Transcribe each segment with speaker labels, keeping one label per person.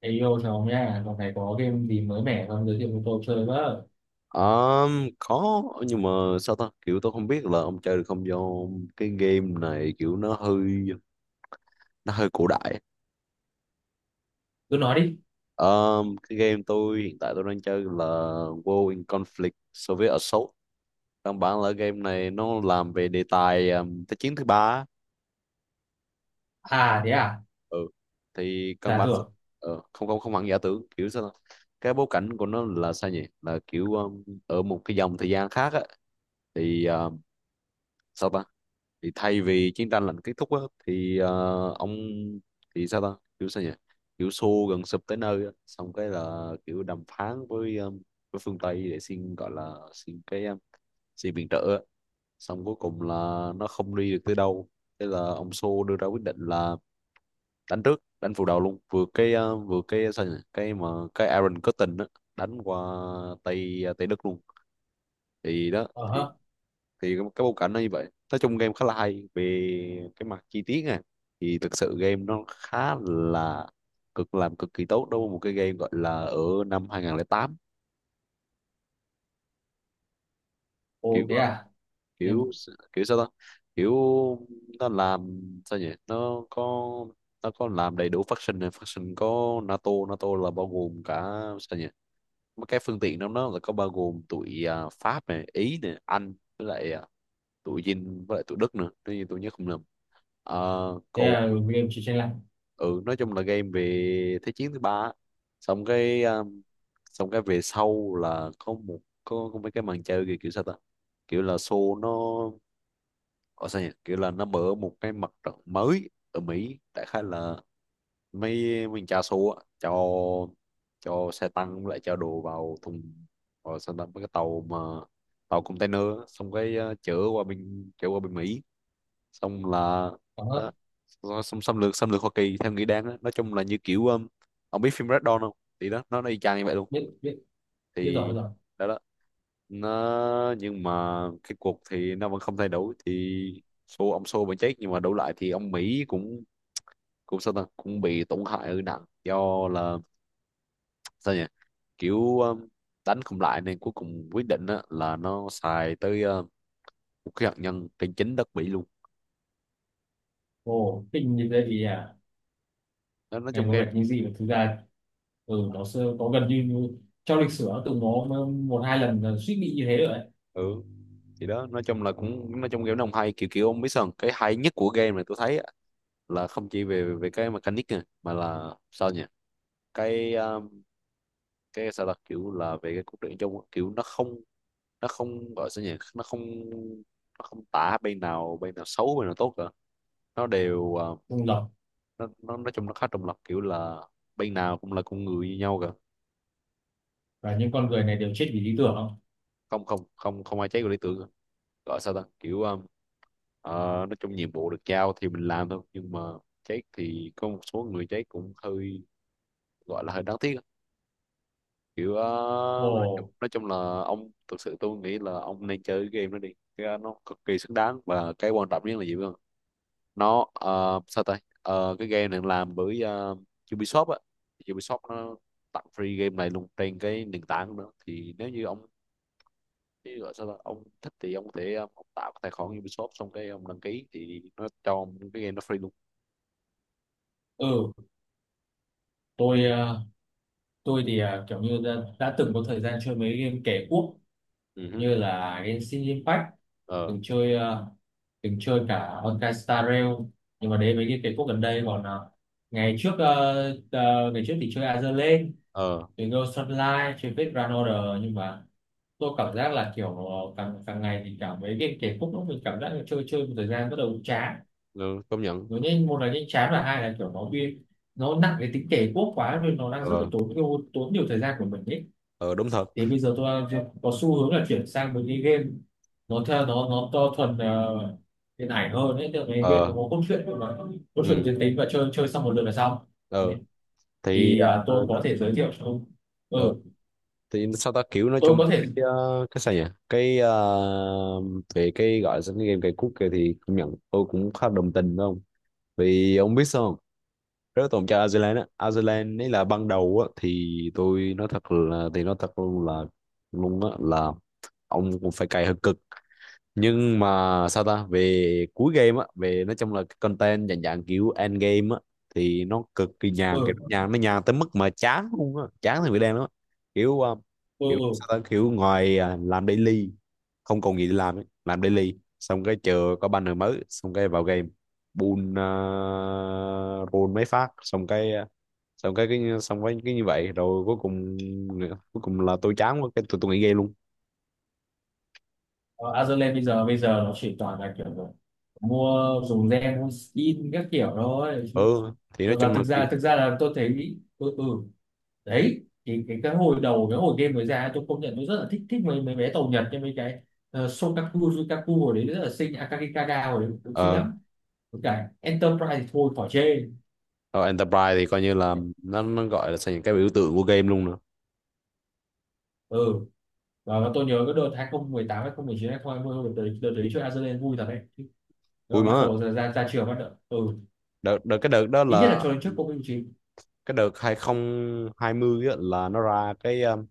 Speaker 1: Ê yêu chồng nha, còn này có game gì mới mẻ không giới thiệu cho tôi chơi với.
Speaker 2: Có nhưng mà sao ta, kiểu tôi không biết là ông chơi được không, do cái game này kiểu nó hơi cổ đại.
Speaker 1: Cứ nói đi.
Speaker 2: Cái game tôi hiện tại đang chơi là World in Conflict Soviet Assault. Căn bản là game này nó làm về đề tài, Thế chiến thứ ba á.
Speaker 1: À thế à,
Speaker 2: Ừ. Thì căn
Speaker 1: giả
Speaker 2: bản
Speaker 1: tưởng.
Speaker 2: không không không hẳn giả tưởng, kiểu sao ta? Cái bối cảnh của nó là sao nhỉ, là kiểu, ở một cái dòng thời gian khác á. Thì sao ta, thì thay vì chiến tranh lạnh kết thúc á, thì ông, thì sao ta, kiểu sao nhỉ, kiểu xô gần sụp tới nơi á, xong cái là kiểu đàm phán với với phương Tây để xin, gọi là xin cái xin viện trợ á. Xong cuối cùng là nó không đi được tới đâu, thế là ông Xô đưa ra quyết định là đánh trước, đánh phủ đầu luôn, vừa cái vừa cái sao nhỉ, cái mà cái Aaron Curtin á, đánh qua Tây Đức luôn. Thì đó,
Speaker 1: Ờ
Speaker 2: thì
Speaker 1: hớ.
Speaker 2: cái bối cảnh nó như vậy. Nói chung game khá là hay về cái mặt chi tiết này. Thì thực sự game nó khá là, làm cực kỳ tốt đối với một cái game gọi là ở năm 2008. Kiểu
Speaker 1: Ồ thế à. Thế,
Speaker 2: kiểu, kiểu sao ta, kiểu nó làm sao nhỉ, nó có làm đầy đủ faction này, faction có NATO. NATO là bao gồm cả, sao nhỉ, mấy cái phương tiện trong đó là có bao gồm tụi Pháp này, Ý này, Anh, với lại tụi Dinh, với lại tụi Đức nữa, nếu như tôi nhớ không lầm. Ờ,
Speaker 1: thế
Speaker 2: còn
Speaker 1: là game chỉ trên lạnh.
Speaker 2: ừ, nói chung là game về thế chiến thứ ba á. Xong cái, xong cái về sau là có có mấy cái màn chơi kiểu sao ta, kiểu là show nó ở, sao nhỉ, kiểu là nó mở một cái mặt trận mới ở Mỹ, đại khái là mấy mình cha show á, cho xe tăng với lại cho đồ vào thùng, vào sao ta, mấy cái tàu mà tàu container á. Xong cái chở qua bên Mỹ, xong là
Speaker 1: Ờ hơ,
Speaker 2: đó. Xong xâm lược, xâm lược Hoa Kỳ theo nghĩa đáng đó. Nói chung là như kiểu, ông biết phim Red Dawn không? Thì đó, nó y chang như vậy luôn.
Speaker 1: biết, biết, biết rồi, biết
Speaker 2: Thì
Speaker 1: rồi.
Speaker 2: đó đó, nó, nhưng mà cái cuộc thì nó vẫn không thay đổi, thì ông Xô vẫn chết, nhưng mà đổi lại thì ông Mỹ cũng cũng sao ta, cũng bị tổn hại ở nặng, do là sao nhỉ, kiểu, đánh không lại nên cuối cùng quyết định á, là nó xài tới vũ khí hạt nhân trên chính đất Mỹ luôn.
Speaker 1: Ồ, kinh như thế thì à,
Speaker 2: Đó, nói
Speaker 1: này
Speaker 2: chung
Speaker 1: có
Speaker 2: game.
Speaker 1: vẻ như gì mà thực ra, ừ, nó sơ, có gần như như trong lịch sử nó từng có một hai lần là suýt bị như thế rồi đấy.
Speaker 2: Ừ, thì đó, nói chung là cũng, nói chung game nó không hay, kiểu kiểu, ông biết sao không? Cái hay nhất của game này tôi thấy á, là không chỉ về về cái mechanic nè, mà là sao nhỉ, cái um, cái sao, là kiểu là về cái cốt truyện chung á, kiểu nó không gọi sao nhỉ, nó không tả bên nào, bên nào xấu bên nào tốt cả. Nó đều
Speaker 1: Đúng rồi,
Speaker 2: nó, nói chung nó khá trung lập, kiểu là bên nào cũng là con người như nhau cả.
Speaker 1: và những con người này đều chết vì lý tưởng không?
Speaker 2: Không không không, không ai trái của lý tưởng cả. Gọi sao ta, kiểu, ờ, nói chung nhiệm vụ được giao thì mình làm thôi, nhưng mà chết thì có một số người chết cũng hơi, gọi là hơi đáng tiếc á. Kiểu nói chung,
Speaker 1: Ồ,
Speaker 2: là ông, thực sự tôi nghĩ là ông nên chơi cái game đó đi, cái nó cực kỳ xứng đáng, và cái quan trọng nhất là gì biết không? Nó sao ta, ờ, cái game này làm bởi Ubisoft á. Ubisoft nó tặng free game này luôn trên cái nền tảng nữa. Thì nếu như ông, chứ gọi sao ta, ông thích thì ông có thể, ông tạo cái tài khoản Ubisoft, xong cái ông đăng ký thì nó cho ông cái game nó free luôn.
Speaker 1: ừ, tôi, à, tôi thì à, kiểu như đã từng có thời gian chơi mấy game kẻ quốc
Speaker 2: Ừ hứ.
Speaker 1: như là Genshin Impact,
Speaker 2: Ờ.
Speaker 1: từng chơi từng chơi cả Honkai Star Rail, nhưng mà đến mấy cái quốc gần đây còn ngày trước ngày trước thì chơi Azur Lane,
Speaker 2: Ờ.
Speaker 1: chơi Ghost Sunlight, chơi Fate Grand Order, nhưng mà tôi cảm giác là kiểu càng càng ngày thì cảm mấy cái khúc lúc mình cảm giác là chơi chơi một thời gian bắt đầu chán.
Speaker 2: Ừ, công nhận.
Speaker 1: Nó nhanh, một là nhanh chán và hai là kiểu nó bị nó nặng cái tính kể quốc quá nên nó đang rất là
Speaker 2: Ờ.
Speaker 1: tốn tốn nhiều thời gian của mình ấy.
Speaker 2: Ờ. Đúng thật.
Speaker 1: Thì bây giờ tôi có xu hướng là chuyển sang một cái game nó theo nó to thuần điện ảnh hơn đấy, tức là cái game nó
Speaker 2: Ờ.
Speaker 1: có cốt truyện mà cốt truyện
Speaker 2: Ừ.
Speaker 1: tuyến tính và chơi chơi xong một lượt là xong
Speaker 2: Ờ.
Speaker 1: đấy.
Speaker 2: Thì.
Speaker 1: Thì à, tôi
Speaker 2: Ờ.
Speaker 1: có
Speaker 2: Đó.
Speaker 1: thể giới thiệu cho ông.
Speaker 2: Ờ,
Speaker 1: Ừ,
Speaker 2: thì sao ta, kiểu nói
Speaker 1: tôi
Speaker 2: trong
Speaker 1: có thể.
Speaker 2: cái cái sao nhỉ, cái về cái gọi là sao, cái game cây cút kia thì công nhận tôi cũng khá đồng tình, đúng không? Vì ông biết sao không? Rất tôn trọng Iceland á. Iceland ấy là, ban đầu á, thì tôi nói thật là, thì nói thật luôn là, luôn á, là ông cũng phải cày hơi cực. Nhưng mà sao ta, về cuối game á, về nói chung là cái content dạng dạng kiểu end game á, thì nó cực kỳ nhàn, kiểu
Speaker 1: Ừ.
Speaker 2: nhàn, nó nhàn tới mức mà chán luôn á, chán thì bị đen lắm á. Kiểu
Speaker 1: Ừ
Speaker 2: kiểu
Speaker 1: ừ.
Speaker 2: sao ta, kiểu ngoài làm daily không còn gì để làm ấy. Làm daily xong cái chờ có banner mới, xong cái vào game bùn, roll mấy phát, xong cái xong cái xong với cái như vậy, rồi cuối cùng là tôi chán quá, cái tôi nghỉ game luôn.
Speaker 1: Ờ, Azerland bây giờ nó chỉ toàn là kiểu là mua, dùng gen mua skin các kiểu thôi. Chứ-
Speaker 2: Ừ, thì nói
Speaker 1: và
Speaker 2: chung là cái.
Speaker 1: thực ra là tôi thấy, ừ ừ, đấy thì cái hồi đầu cái hồi game mới ra tôi công nhận tôi rất là thích, thích mấy mấy bé tàu Nhật như mấy cái Shokaku Yukaku hồi đấy rất là xinh, Akagikaga hồi đấy cũng xinh
Speaker 2: Ờ.
Speaker 1: lắm. Với cả Enterprise thì thôi khỏi chê.
Speaker 2: Rồi Enterprise thì coi như là, nó gọi là sao, những cái biểu tượng của game luôn nữa.
Speaker 1: Ừ, và tôi nhớ cái đợt 2018 2019 2020, đợt tới đợt đấy chơi Azealia vui thật đấy.
Speaker 2: Vui
Speaker 1: Và bắt
Speaker 2: mà.
Speaker 1: đầu ra ra, ra trường bắt đầu, ừ,
Speaker 2: Đợt cái đợt đó
Speaker 1: ít
Speaker 2: là
Speaker 1: nhất là cho đến trước Covid mười chín.
Speaker 2: cái đợt 2020 á, là nó ra cái,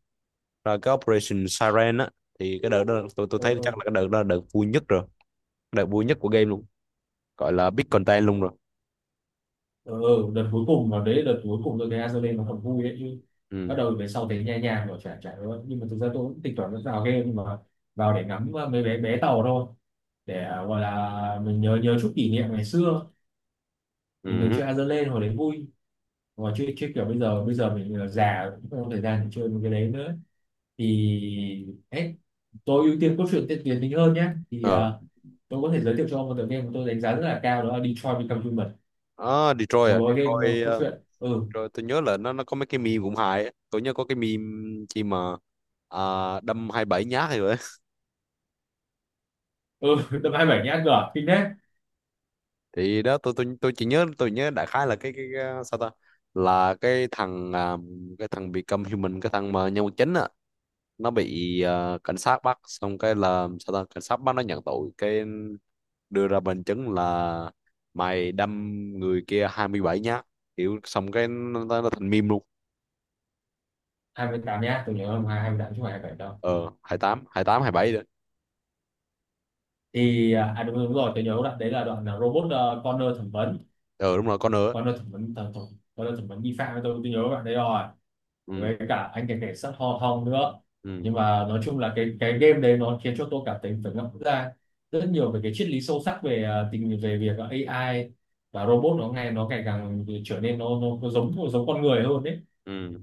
Speaker 2: ra cái Operation Siren á. Thì cái đợt đó tôi
Speaker 1: Ừ,
Speaker 2: thấy
Speaker 1: ừ.
Speaker 2: chắc là cái đợt đó là đợt vui nhất rồi, đợt vui nhất của game luôn, gọi là big content luôn rồi.
Speaker 1: Ừ, ừ, đợt cuối cùng, mà đấy đợt cuối cùng tôi thấy Azoulay nó còn vui ấy chứ.
Speaker 2: Ừ.
Speaker 1: Bắt đầu về sau thấy nhẹ nhàng rồi chả chả nữa, nhưng mà thực ra tôi cũng tính toán vào game, nhưng mà vào để ngắm mấy bé bé tàu thôi, để gọi là mình nhớ nhớ chút kỷ niệm ngày xưa mình từng
Speaker 2: Ừ.
Speaker 1: chơi Azoulay hồi đấy vui. Mà chơi chơi kiểu bây giờ mình già cũng không có thời gian để chơi một cái đấy nữa. Thì ấy, tôi ưu tiên cốt truyện tiên tiến tính hơn nhé. Thì
Speaker 2: Ờ.
Speaker 1: tôi có thể giới thiệu cho ông một tựa game mà tôi đánh giá rất là cao, đó là Detroit Become Human,
Speaker 2: À Detroit,
Speaker 1: một gói game cốt
Speaker 2: Detroit,
Speaker 1: truyện. Ừ.
Speaker 2: Detroit tôi nhớ là nó có mấy cái meme cũng hài á. Tôi nhớ có cái meme chi mà, à, đâm 27 nhát rồi.
Speaker 1: Ừ tầm 27 nhá, ăn cửa kinh đấy.
Speaker 2: Thì đó, tôi chỉ nhớ, tôi nhớ đại khái là cái cái sao ta, là cái thằng cái thằng Become Human, cái thằng mà nhân vật chính á, nó bị cảnh sát bắt, xong cái là sao ta, cảnh sát bắt nó nhận tội, cái đưa ra bằng chứng là mày đâm người kia 27 nhát, kiểu xong cái nó, thành meme luôn.
Speaker 1: 28 nhá, tôi nhớ không hai, 28 chứ không phải 27 đâu.
Speaker 2: Ờ, 28, 28, 27 đấy.
Speaker 1: Thì à à, đúng, đúng rồi, tôi nhớ đoạn đấy là đoạn là robot, Connor thẩm vấn.
Speaker 2: Ờ đúng rồi, con nữa.
Speaker 1: Connor thẩm vấn, thẩm, thẩm Connor thẩm vấn nghi phạm, tôi nhớ bạn đấy rồi.
Speaker 2: Ừ.
Speaker 1: Với cả anh cảnh cảnh sát Hong Hong nữa.
Speaker 2: Ừ.
Speaker 1: Nhưng mà nói chung là cái game đấy nó khiến cho tôi cảm thấy phải ngẫm ra rất nhiều về cái triết lý sâu sắc về à, tình về việc AI và robot nó ngày càng trở nên nó giống giống con người hơn đấy.
Speaker 2: Ừ.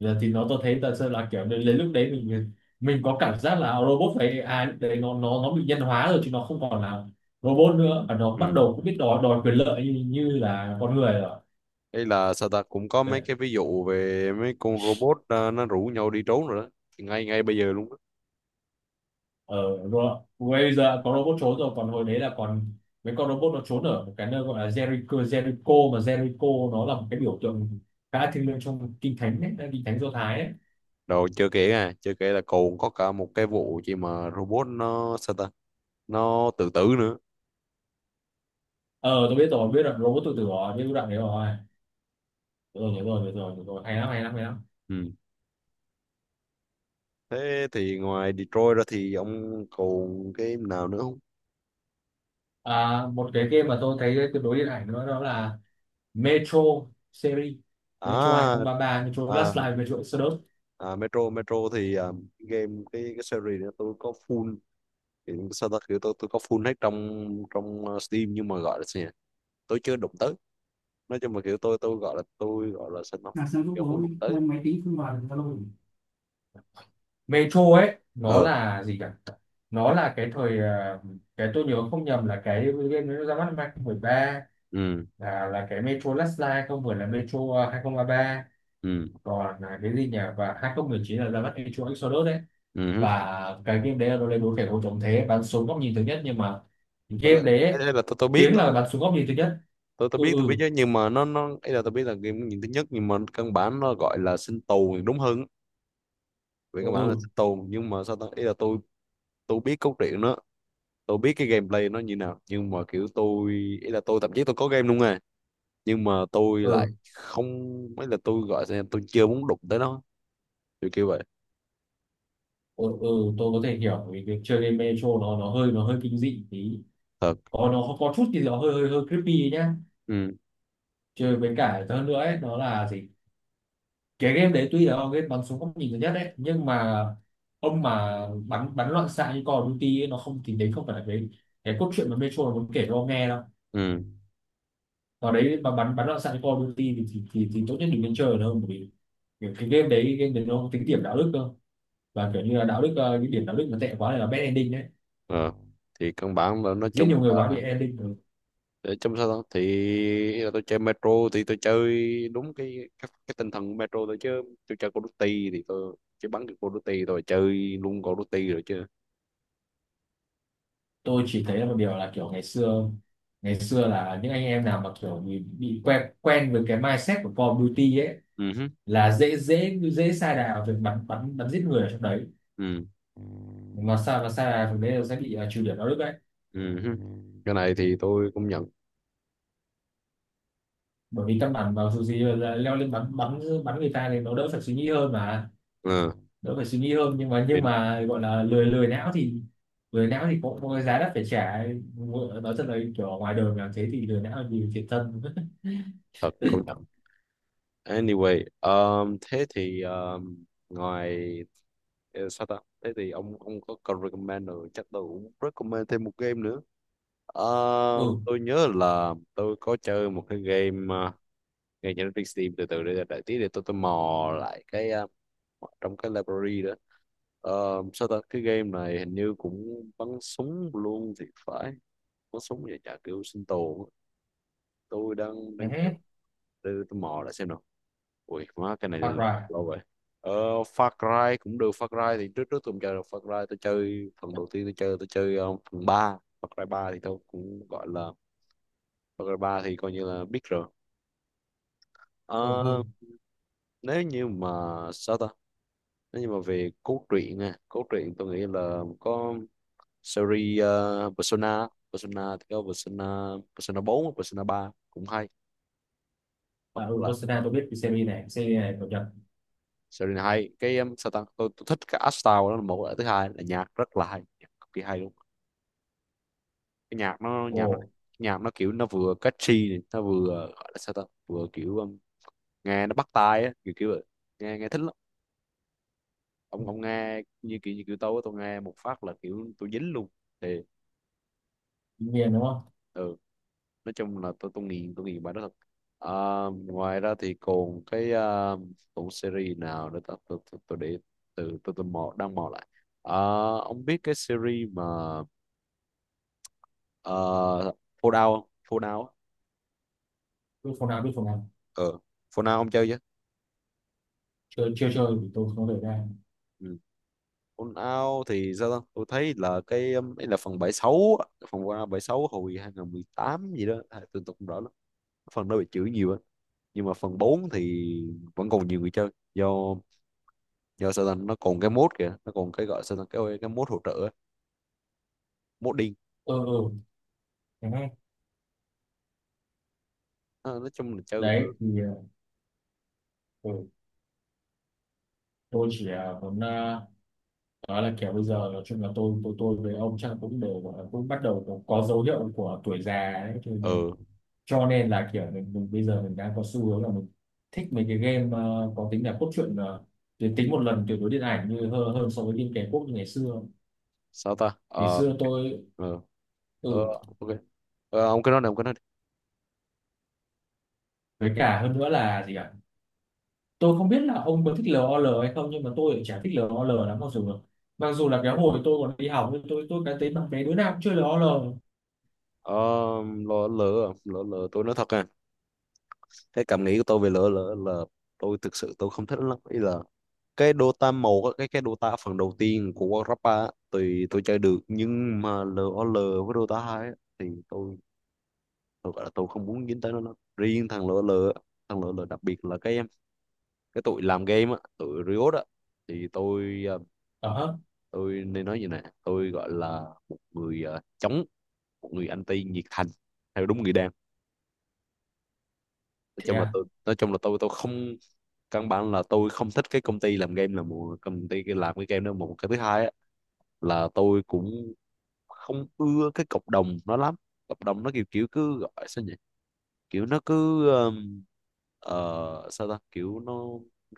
Speaker 1: Giờ thì nó tôi thấy thật sự là kiểu đến đến lúc đấy mình có cảm giác là robot phải AI lúc đấy nó bị nhân hóa rồi chứ nó không còn là robot nữa, và nó bắt
Speaker 2: Ừ.
Speaker 1: đầu cũng biết đòi đòi quyền lợi như, như là con người rồi.
Speaker 2: Đây là sao ta, cũng có mấy
Speaker 1: Để,
Speaker 2: cái ví dụ về mấy con robot, ờ, nó rủ nhau đi trốn rồi đó. Thì ngay ngay bây giờ luôn á.
Speaker 1: ở ro- bây giờ có robot trốn rồi, còn hồi đấy là còn mấy con robot nó trốn ở một cái nơi gọi là Jericho. Jericho, mà Jericho nó là một cái biểu tượng khá thiêng liêng trong kinh thánh ấy, kinh thánh Do Thái ấy.
Speaker 2: Rồi chưa kể, chưa kể là còn có cả một cái vụ gì mà robot nó sao ta, nó tự tử nữa.
Speaker 1: Ờ tôi biết rồi, biết rồi, robot tự tử rồi, biết đoạn đấy rồi. Được rồi, nhớ rồi nhớ rồi nhớ rồi, hay lắm hay lắm hay lắm.
Speaker 2: Ừ. Thế thì ngoài Detroit ra thì ông còn cái nào nữa không?
Speaker 1: À, một cái game mà tôi thấy tương đối điện ảnh nữa đó là Metro series. Metro
Speaker 2: À,
Speaker 1: 2033, Metro
Speaker 2: à,
Speaker 1: Last Light, Metro Exodus.
Speaker 2: Metro. Thì game cái series đó tôi có full. Thì sao ta kiểu tôi có full hết trong trong Steam, nhưng mà gọi là gì nhỉ? Tôi chưa đụng tới. Nói chung là kiểu tôi gọi là, sao học,
Speaker 1: Là sao lúc
Speaker 2: kiểu muốn
Speaker 1: bố
Speaker 2: đụng tới.
Speaker 1: lên máy tính không vào được Zalo. Metro ấy nó
Speaker 2: Ờ.
Speaker 1: là gì cả, nó là cái thời à, cái tôi nhớ không nhầm là cái game nó ra mắt năm 2013,
Speaker 2: Ừ.
Speaker 1: là cái Metro Last Light không, vừa là Metro à, 2033
Speaker 2: Ừ.
Speaker 1: còn là cái gì nhỉ, và 2019 là ra mắt Metro Exodus đấy.
Speaker 2: Ừ.
Speaker 1: Và cái game đấy là nó lên đối kẻ thù chống thế bắn súng góc nhìn thứ nhất, nhưng mà game
Speaker 2: Tôi,
Speaker 1: đấy
Speaker 2: thế
Speaker 1: ấy,
Speaker 2: nên là
Speaker 1: tiếng là bắn súng góc nhìn thứ nhất.
Speaker 2: tôi
Speaker 1: Ừ.
Speaker 2: biết, tôi biết
Speaker 1: Ừ
Speaker 2: chứ, nhưng mà nó ấy, là tôi biết là game nhìn thứ nhất, nhưng mà căn bản nó gọi là sinh tồn thì đúng hơn. Về căn bản là
Speaker 1: ừ.
Speaker 2: sinh tồn, nhưng mà sao ta, ấy là tôi biết cốt truyện nó, tôi biết cái gameplay nó như nào, nhưng mà kiểu tôi, ấy là tôi thậm chí tôi có game luôn à, nhưng mà tôi lại
Speaker 1: Ừ
Speaker 2: không, ấy là tôi gọi là tôi chưa muốn đụng tới nó, kiểu kiểu vậy.
Speaker 1: ừ ừ ừ, tôi có thể hiểu vì việc chơi game Metro nó hơi kinh dị tí.
Speaker 2: Thật.
Speaker 1: Có nó có chút thì nó hơi hơi hơi creepy nhá.
Speaker 2: Ừ.
Speaker 1: Chơi với cả hơn nữa ấy, nó là gì, cái game đấy tuy là game bắn súng góc nhìn thứ nhất đấy nhưng mà ông mà bắn bắn loạn xạ như Call of Duty ấy, nó không, thì đấy không phải là cái cốt truyện mà Metro nó muốn kể cho ông nghe đâu.
Speaker 2: Ừ.
Speaker 1: Ở đấy mà bắn bắn loạn xạ cho Call of Duty thì tốt nhất đừng nên chơi ở đâu, bởi vì kiểu cái game đấy nó không tính điểm đạo đức cơ, và kiểu như là đạo đức cái điểm đạo đức nó tệ quá này là bad ending đấy.
Speaker 2: Ờ. Thì căn bản là nói
Speaker 1: Giết
Speaker 2: chung
Speaker 1: nhiều người quá bị
Speaker 2: là,
Speaker 1: ending. Ừ,
Speaker 2: để trong sao đó thì, là tôi chơi Metro thì tôi chơi đúng cái cái tinh thần của Metro thôi, chứ tôi chơi Call of Duty thì tôi chỉ bắn cái Call of Duty rồi chơi luôn Call of Duty rồi chứ.
Speaker 1: tôi chỉ thấy là một điều là kiểu ngày xưa là những anh em nào mà kiểu bị quen quen với cái mindset của Call of Duty ấy,
Speaker 2: Ừ hứ.
Speaker 1: là dễ dễ dễ sa đà về bắn bắn bắn giết người ở trong đấy,
Speaker 2: Ừ.
Speaker 1: mà sao mà sa đà trong đấy là sẽ bị trừ điểm đạo đức đấy.
Speaker 2: Ừ hứ. Cái này thì tôi cũng nhận.
Speaker 1: Bởi vì căn bản vào dù gì là leo lên bắn bắn bắn người ta thì nó đỡ phải suy nghĩ hơn mà.
Speaker 2: Ừ.
Speaker 1: Đỡ phải suy nghĩ hơn,
Speaker 2: Thì
Speaker 1: nhưng mà gọi là lười lười não thì cũng có cái giá đắt phải trả. Nói thật là kiểu ở ngoài đời làm thế thì lười não nhiều thiệt thân.
Speaker 2: thật, công nhận. Anyway, thế thì ngoài sao ta, thế thì ông có recommend rồi chắc tôi cũng recommend thêm một game nữa. Ờ,
Speaker 1: Ừ.
Speaker 2: tôi nhớ là tôi có chơi một cái game, ngay trên Netflix Steam. Từ từ để đợi tí để tôi mò lại cái, trong cái library đó. Ờ, sao ta, cái game này hình như cũng bắn súng luôn thì phải, bắn súng vậy chả, kiểu sinh tồn á. Tôi đang
Speaker 1: Nhà
Speaker 2: đang chờ
Speaker 1: hát.
Speaker 2: để tôi mò lại xem nào. Ui má, cái này
Speaker 1: Hoặc là,
Speaker 2: lâu vậy. ờ, Far Cry cũng được. Far Cry thì trước trước tôi không chơi được Far Cry, tôi chơi phần đầu tiên, tôi chơi phần ba, Far Cry 3, thì tôi cũng gọi là G3 thì coi như là biết rồi.
Speaker 1: ừ
Speaker 2: Ờ,
Speaker 1: ừ,
Speaker 2: nếu như mà sao ta, nếu như mà về cốt truyện nè, cốt truyện tôi nghĩ là có series, Persona. Persona thì có Persona, Persona 4, Persona 3 cũng hay. Hoặc
Speaker 1: à, ừ
Speaker 2: là
Speaker 1: Barcelona tôi biết cái series này, series này cập nhật.
Speaker 2: series này hay cái, sao ta, tôi thích cái art style đó là một cái, thứ hai là nhạc rất là hay, nhạc cực kỳ hay luôn. Cái nhạc nó
Speaker 1: Ồ,
Speaker 2: nhạc nó nhạc nó kiểu nó vừa catchy này, nó vừa gọi là sao ta, vừa kiểu, nghe nó bắt tai á, kiểu kiểu vậy. Nghe nghe thích lắm. Ông nghe như kiểu tôi á, tôi nghe một phát là kiểu tôi dính luôn thì
Speaker 1: miền đúng không.
Speaker 2: ừ, nói chung là tôi nghiền bài đó thật. À, ngoài ra thì còn cái, à, tủ series nào để tôi để từ, tôi mò, đang mò lại. À, ông biết cái series mà, uh, Fallout không? Fallout á.
Speaker 1: Biết phòng nào biết phòng nào.
Speaker 2: Ờ, Fallout ông chơi chưa?
Speaker 1: Chơi chưa, chơi thì tôi không thể ra.
Speaker 2: Ừ. Fallout thì sao ta? Tôi thấy là cái, ấy là phần 76 á, phần Fallout bảy mươi sáu hồi 2018 gì đó, à, tôi không rõ lắm. Phần đó bị chửi nhiều á. Nhưng mà phần 4 thì vẫn còn nhiều người chơi, do do Satan nó còn cái mode kìa, nó còn cái gọi Satan, cái mode hỗ trợ á, modding.
Speaker 1: Ừ ừ. Nhà hát.
Speaker 2: Nói chung là chơi cũng được.
Speaker 1: Đấy thì ừ, tôi chỉ muốn, đó là kiểu bây giờ nói chung là tôi với ông chắc là cũng đều gọi là cũng bắt đầu có dấu hiệu của tuổi già ấy,
Speaker 2: Ừ,
Speaker 1: cho nên là kiểu mình bây giờ mình đang có xu hướng là mình thích mấy cái game có tính là cốt truyện tuyến tính một lần tuyệt đối điện ảnh như hơn, hơn so với game kẻ quốc như ngày xưa.
Speaker 2: sao ta,
Speaker 1: Ngày
Speaker 2: ờ
Speaker 1: xưa tôi,
Speaker 2: ờ, ờ,
Speaker 1: ừ,
Speaker 2: ok. Ờ, ông cứ nói đi.
Speaker 1: với cả hơn nữa là gì ạ, tôi không biết là ông có thích LOL hay không, nhưng mà tôi lại chả thích LOL lắm, mặc dù là cái hồi tôi còn đi học nhưng tôi cái thấy bạn bè đứa nào cũng chơi LOL.
Speaker 2: Ờ, lỡ lỡ lỡ lỡ tôi nói thật, à, cái cảm nghĩ của tôi về lỡ lỡ là tôi thực sự, tôi không thích lắm, ý là cái Dota màu á, cái Dota phần đầu tiên của Warcraft 3 á, thì tôi chơi được, nhưng mà LOL với Dota hai á, thì tôi gọi là tôi không muốn dính tới nó riêng thằng lỡ lỡ, thằng lỡ lỡ đặc biệt là cái tụi làm game á, tụi Riot á, thì tôi,
Speaker 1: Ờ hớ.
Speaker 2: tôi nên nói như này, tôi gọi là một người, chống, một người anti nhiệt thành theo đúng nghĩa đen.
Speaker 1: Thế à.
Speaker 2: Nói chung là tôi không, căn bản là tôi không thích cái công ty làm game, là một công ty cái làm cái game đó một cái, thứ hai á, là tôi cũng không ưa cái cộng đồng nó lắm. Cộng đồng nó kiểu kiểu cứ gọi sao nhỉ, kiểu nó cứ, ờ, sao ta, kiểu nó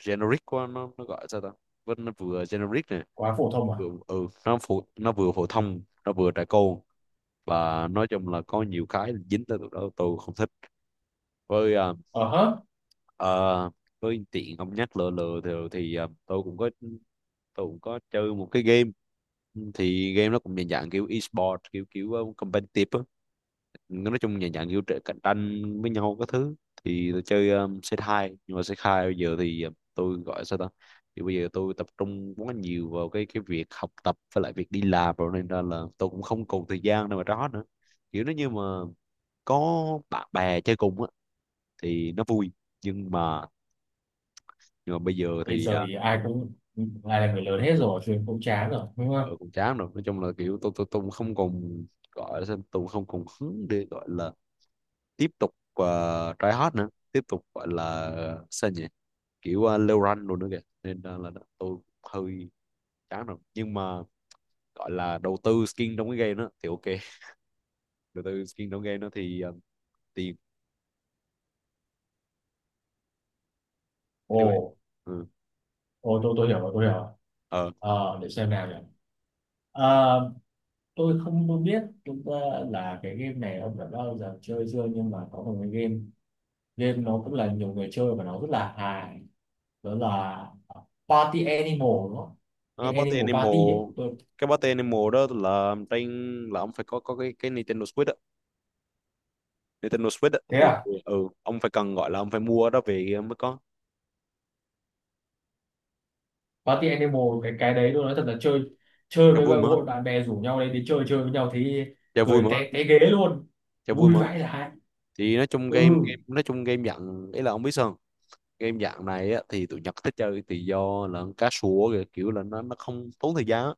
Speaker 2: generic quá, nó gọi sao ta, vẫn nó vừa generic này,
Speaker 1: Quá phổ thông à.
Speaker 2: vừa ừ, nó vừa phổ thông, nó vừa trẻ con. Và nói chung là có nhiều cái dính tới tụi đó tôi không thích. Với
Speaker 1: Ờ hớ.
Speaker 2: ờ, với tiện ông nhắc lừa lừa thì ờ, tôi cũng có chơi một cái game. Thì game nó cũng dạng dạng kiểu e-sport, kiểu kiểu ờ, competitive á, nói chung nhà dạng kiểu cạnh tranh với nhau các thứ. Thì tôi chơi, C2, nhưng mà c hai bây giờ thì, tôi gọi sao ta, thì bây giờ tôi tập trung quá nhiều vào cái việc học tập với lại việc đi làm rồi, nên ra là tôi cũng không còn thời gian đâu mà đó nữa. Kiểu nó như mà có bạn bè chơi cùng á thì nó vui, nhưng mà, bây giờ
Speaker 1: Bây
Speaker 2: thì
Speaker 1: giờ
Speaker 2: à,
Speaker 1: thì ai cũng ai là người lớn hết rồi, chuyện cũng chán rồi đúng
Speaker 2: ờ,
Speaker 1: không.
Speaker 2: cũng chán rồi. Nói chung là kiểu tôi cũng không còn gọi là sao, tôi cũng không còn hứng để gọi là tiếp tục try hard nữa, tiếp tục gọi là sao nhỉ, kiểu leo rank luôn nữa kìa, nên tôi hơi chán rồi. Nhưng mà gọi là đầu tư skin trong cái game đó thì ok đầu tư skin trong game đó thì tiền.
Speaker 1: Ồ.
Speaker 2: Anyway. Ừ.
Speaker 1: Ồ, tôi hiểu rồi, tôi hiểu rồi.
Speaker 2: Ờ.
Speaker 1: Ờ để xem nào nhỉ. Ờ, tôi không có biết chúng ta là cái game này ông đã bao giờ chơi chưa, nhưng mà có một cái game, game nó cũng là nhiều người chơi và nó rất là hài, đó là Party Animal đúng không?
Speaker 2: Ờ,
Speaker 1: Cái
Speaker 2: Party
Speaker 1: Animal
Speaker 2: Animal.
Speaker 1: Party ấy tôi.
Speaker 2: Cái Party Animal đó là trên, là ông phải có cái Nintendo Switch á, Nintendo Switch á
Speaker 1: Thế
Speaker 2: thì
Speaker 1: à.
Speaker 2: ừ, ông phải cần gọi là ông phải mua đó về mới có.
Speaker 1: Party Animal, cái đấy tôi nói thật là chơi chơi
Speaker 2: cho
Speaker 1: với
Speaker 2: vui
Speaker 1: bạn-
Speaker 2: mà
Speaker 1: hội bạn bè rủ nhau đấy đi chơi chơi với nhau thì
Speaker 2: cho vui
Speaker 1: cười
Speaker 2: mà
Speaker 1: té té ghế luôn.
Speaker 2: cho vui
Speaker 1: Vui
Speaker 2: mà.
Speaker 1: vãi lại.
Speaker 2: Thì nói chung
Speaker 1: Ừ
Speaker 2: game game nói chung game dặn ấy là ông biết sao, game dạng này á, thì tụi Nhật thích chơi thì do là cá sủa kìa, kiểu là nó không tốn thời gian á.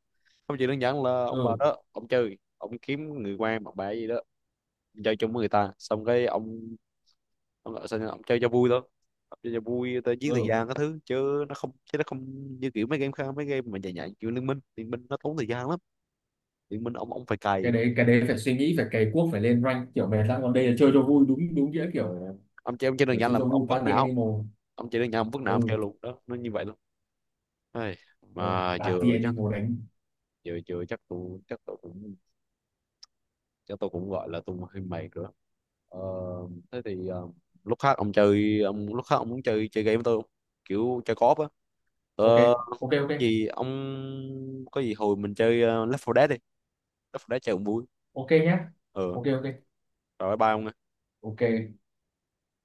Speaker 2: Không, chỉ đơn giản là ông vào
Speaker 1: ừ
Speaker 2: đó ông chơi, ông kiếm người quen bạn bè gì đó, chơi chung với người ta, xong cái ông chơi cho vui thôi. Ông chơi cho vui tới giết thời
Speaker 1: ừ,
Speaker 2: gian các thứ, chứ nó không như kiểu mấy game khác, mấy game mà dài dài kiểu liên minh nó tốn thời gian lắm. Liên minh ông phải cày.
Speaker 1: cái đấy phải suy nghĩ phải cày cuốc phải lên rank kiểu mệt lắm, còn đây là chơi cho vui đúng đúng nghĩa kiểu
Speaker 2: Ông chơi, đơn
Speaker 1: kiểu
Speaker 2: giản
Speaker 1: chơi
Speaker 2: là
Speaker 1: cho
Speaker 2: ông
Speaker 1: vui
Speaker 2: vứt
Speaker 1: Party
Speaker 2: não,
Speaker 1: Animal.
Speaker 2: ông chơi đơn giản ông vứt não ông
Speaker 1: Ừ.
Speaker 2: chơi luôn đó, nó như vậy luôn. Ai,
Speaker 1: Ừ,
Speaker 2: mà
Speaker 1: Party
Speaker 2: vừa chắc,
Speaker 1: Animal đánh.
Speaker 2: vừa vừa chắc tụi cũng, chắc tôi cũng gọi là tung hơi mày rồi. Đó. Ờ, thế thì ờ, lúc khác ông muốn chơi chơi game với tôi không? Kiểu chơi co-op á.
Speaker 1: Ok
Speaker 2: Ờ,
Speaker 1: ok. Ok
Speaker 2: gì ông, có gì hồi mình chơi, Left 4 Dead đi. Left 4 Dead chơi cũng vui.
Speaker 1: ok nhá.
Speaker 2: Ờ,
Speaker 1: Ok ok
Speaker 2: rồi bye bye ông. Nha.
Speaker 1: ok.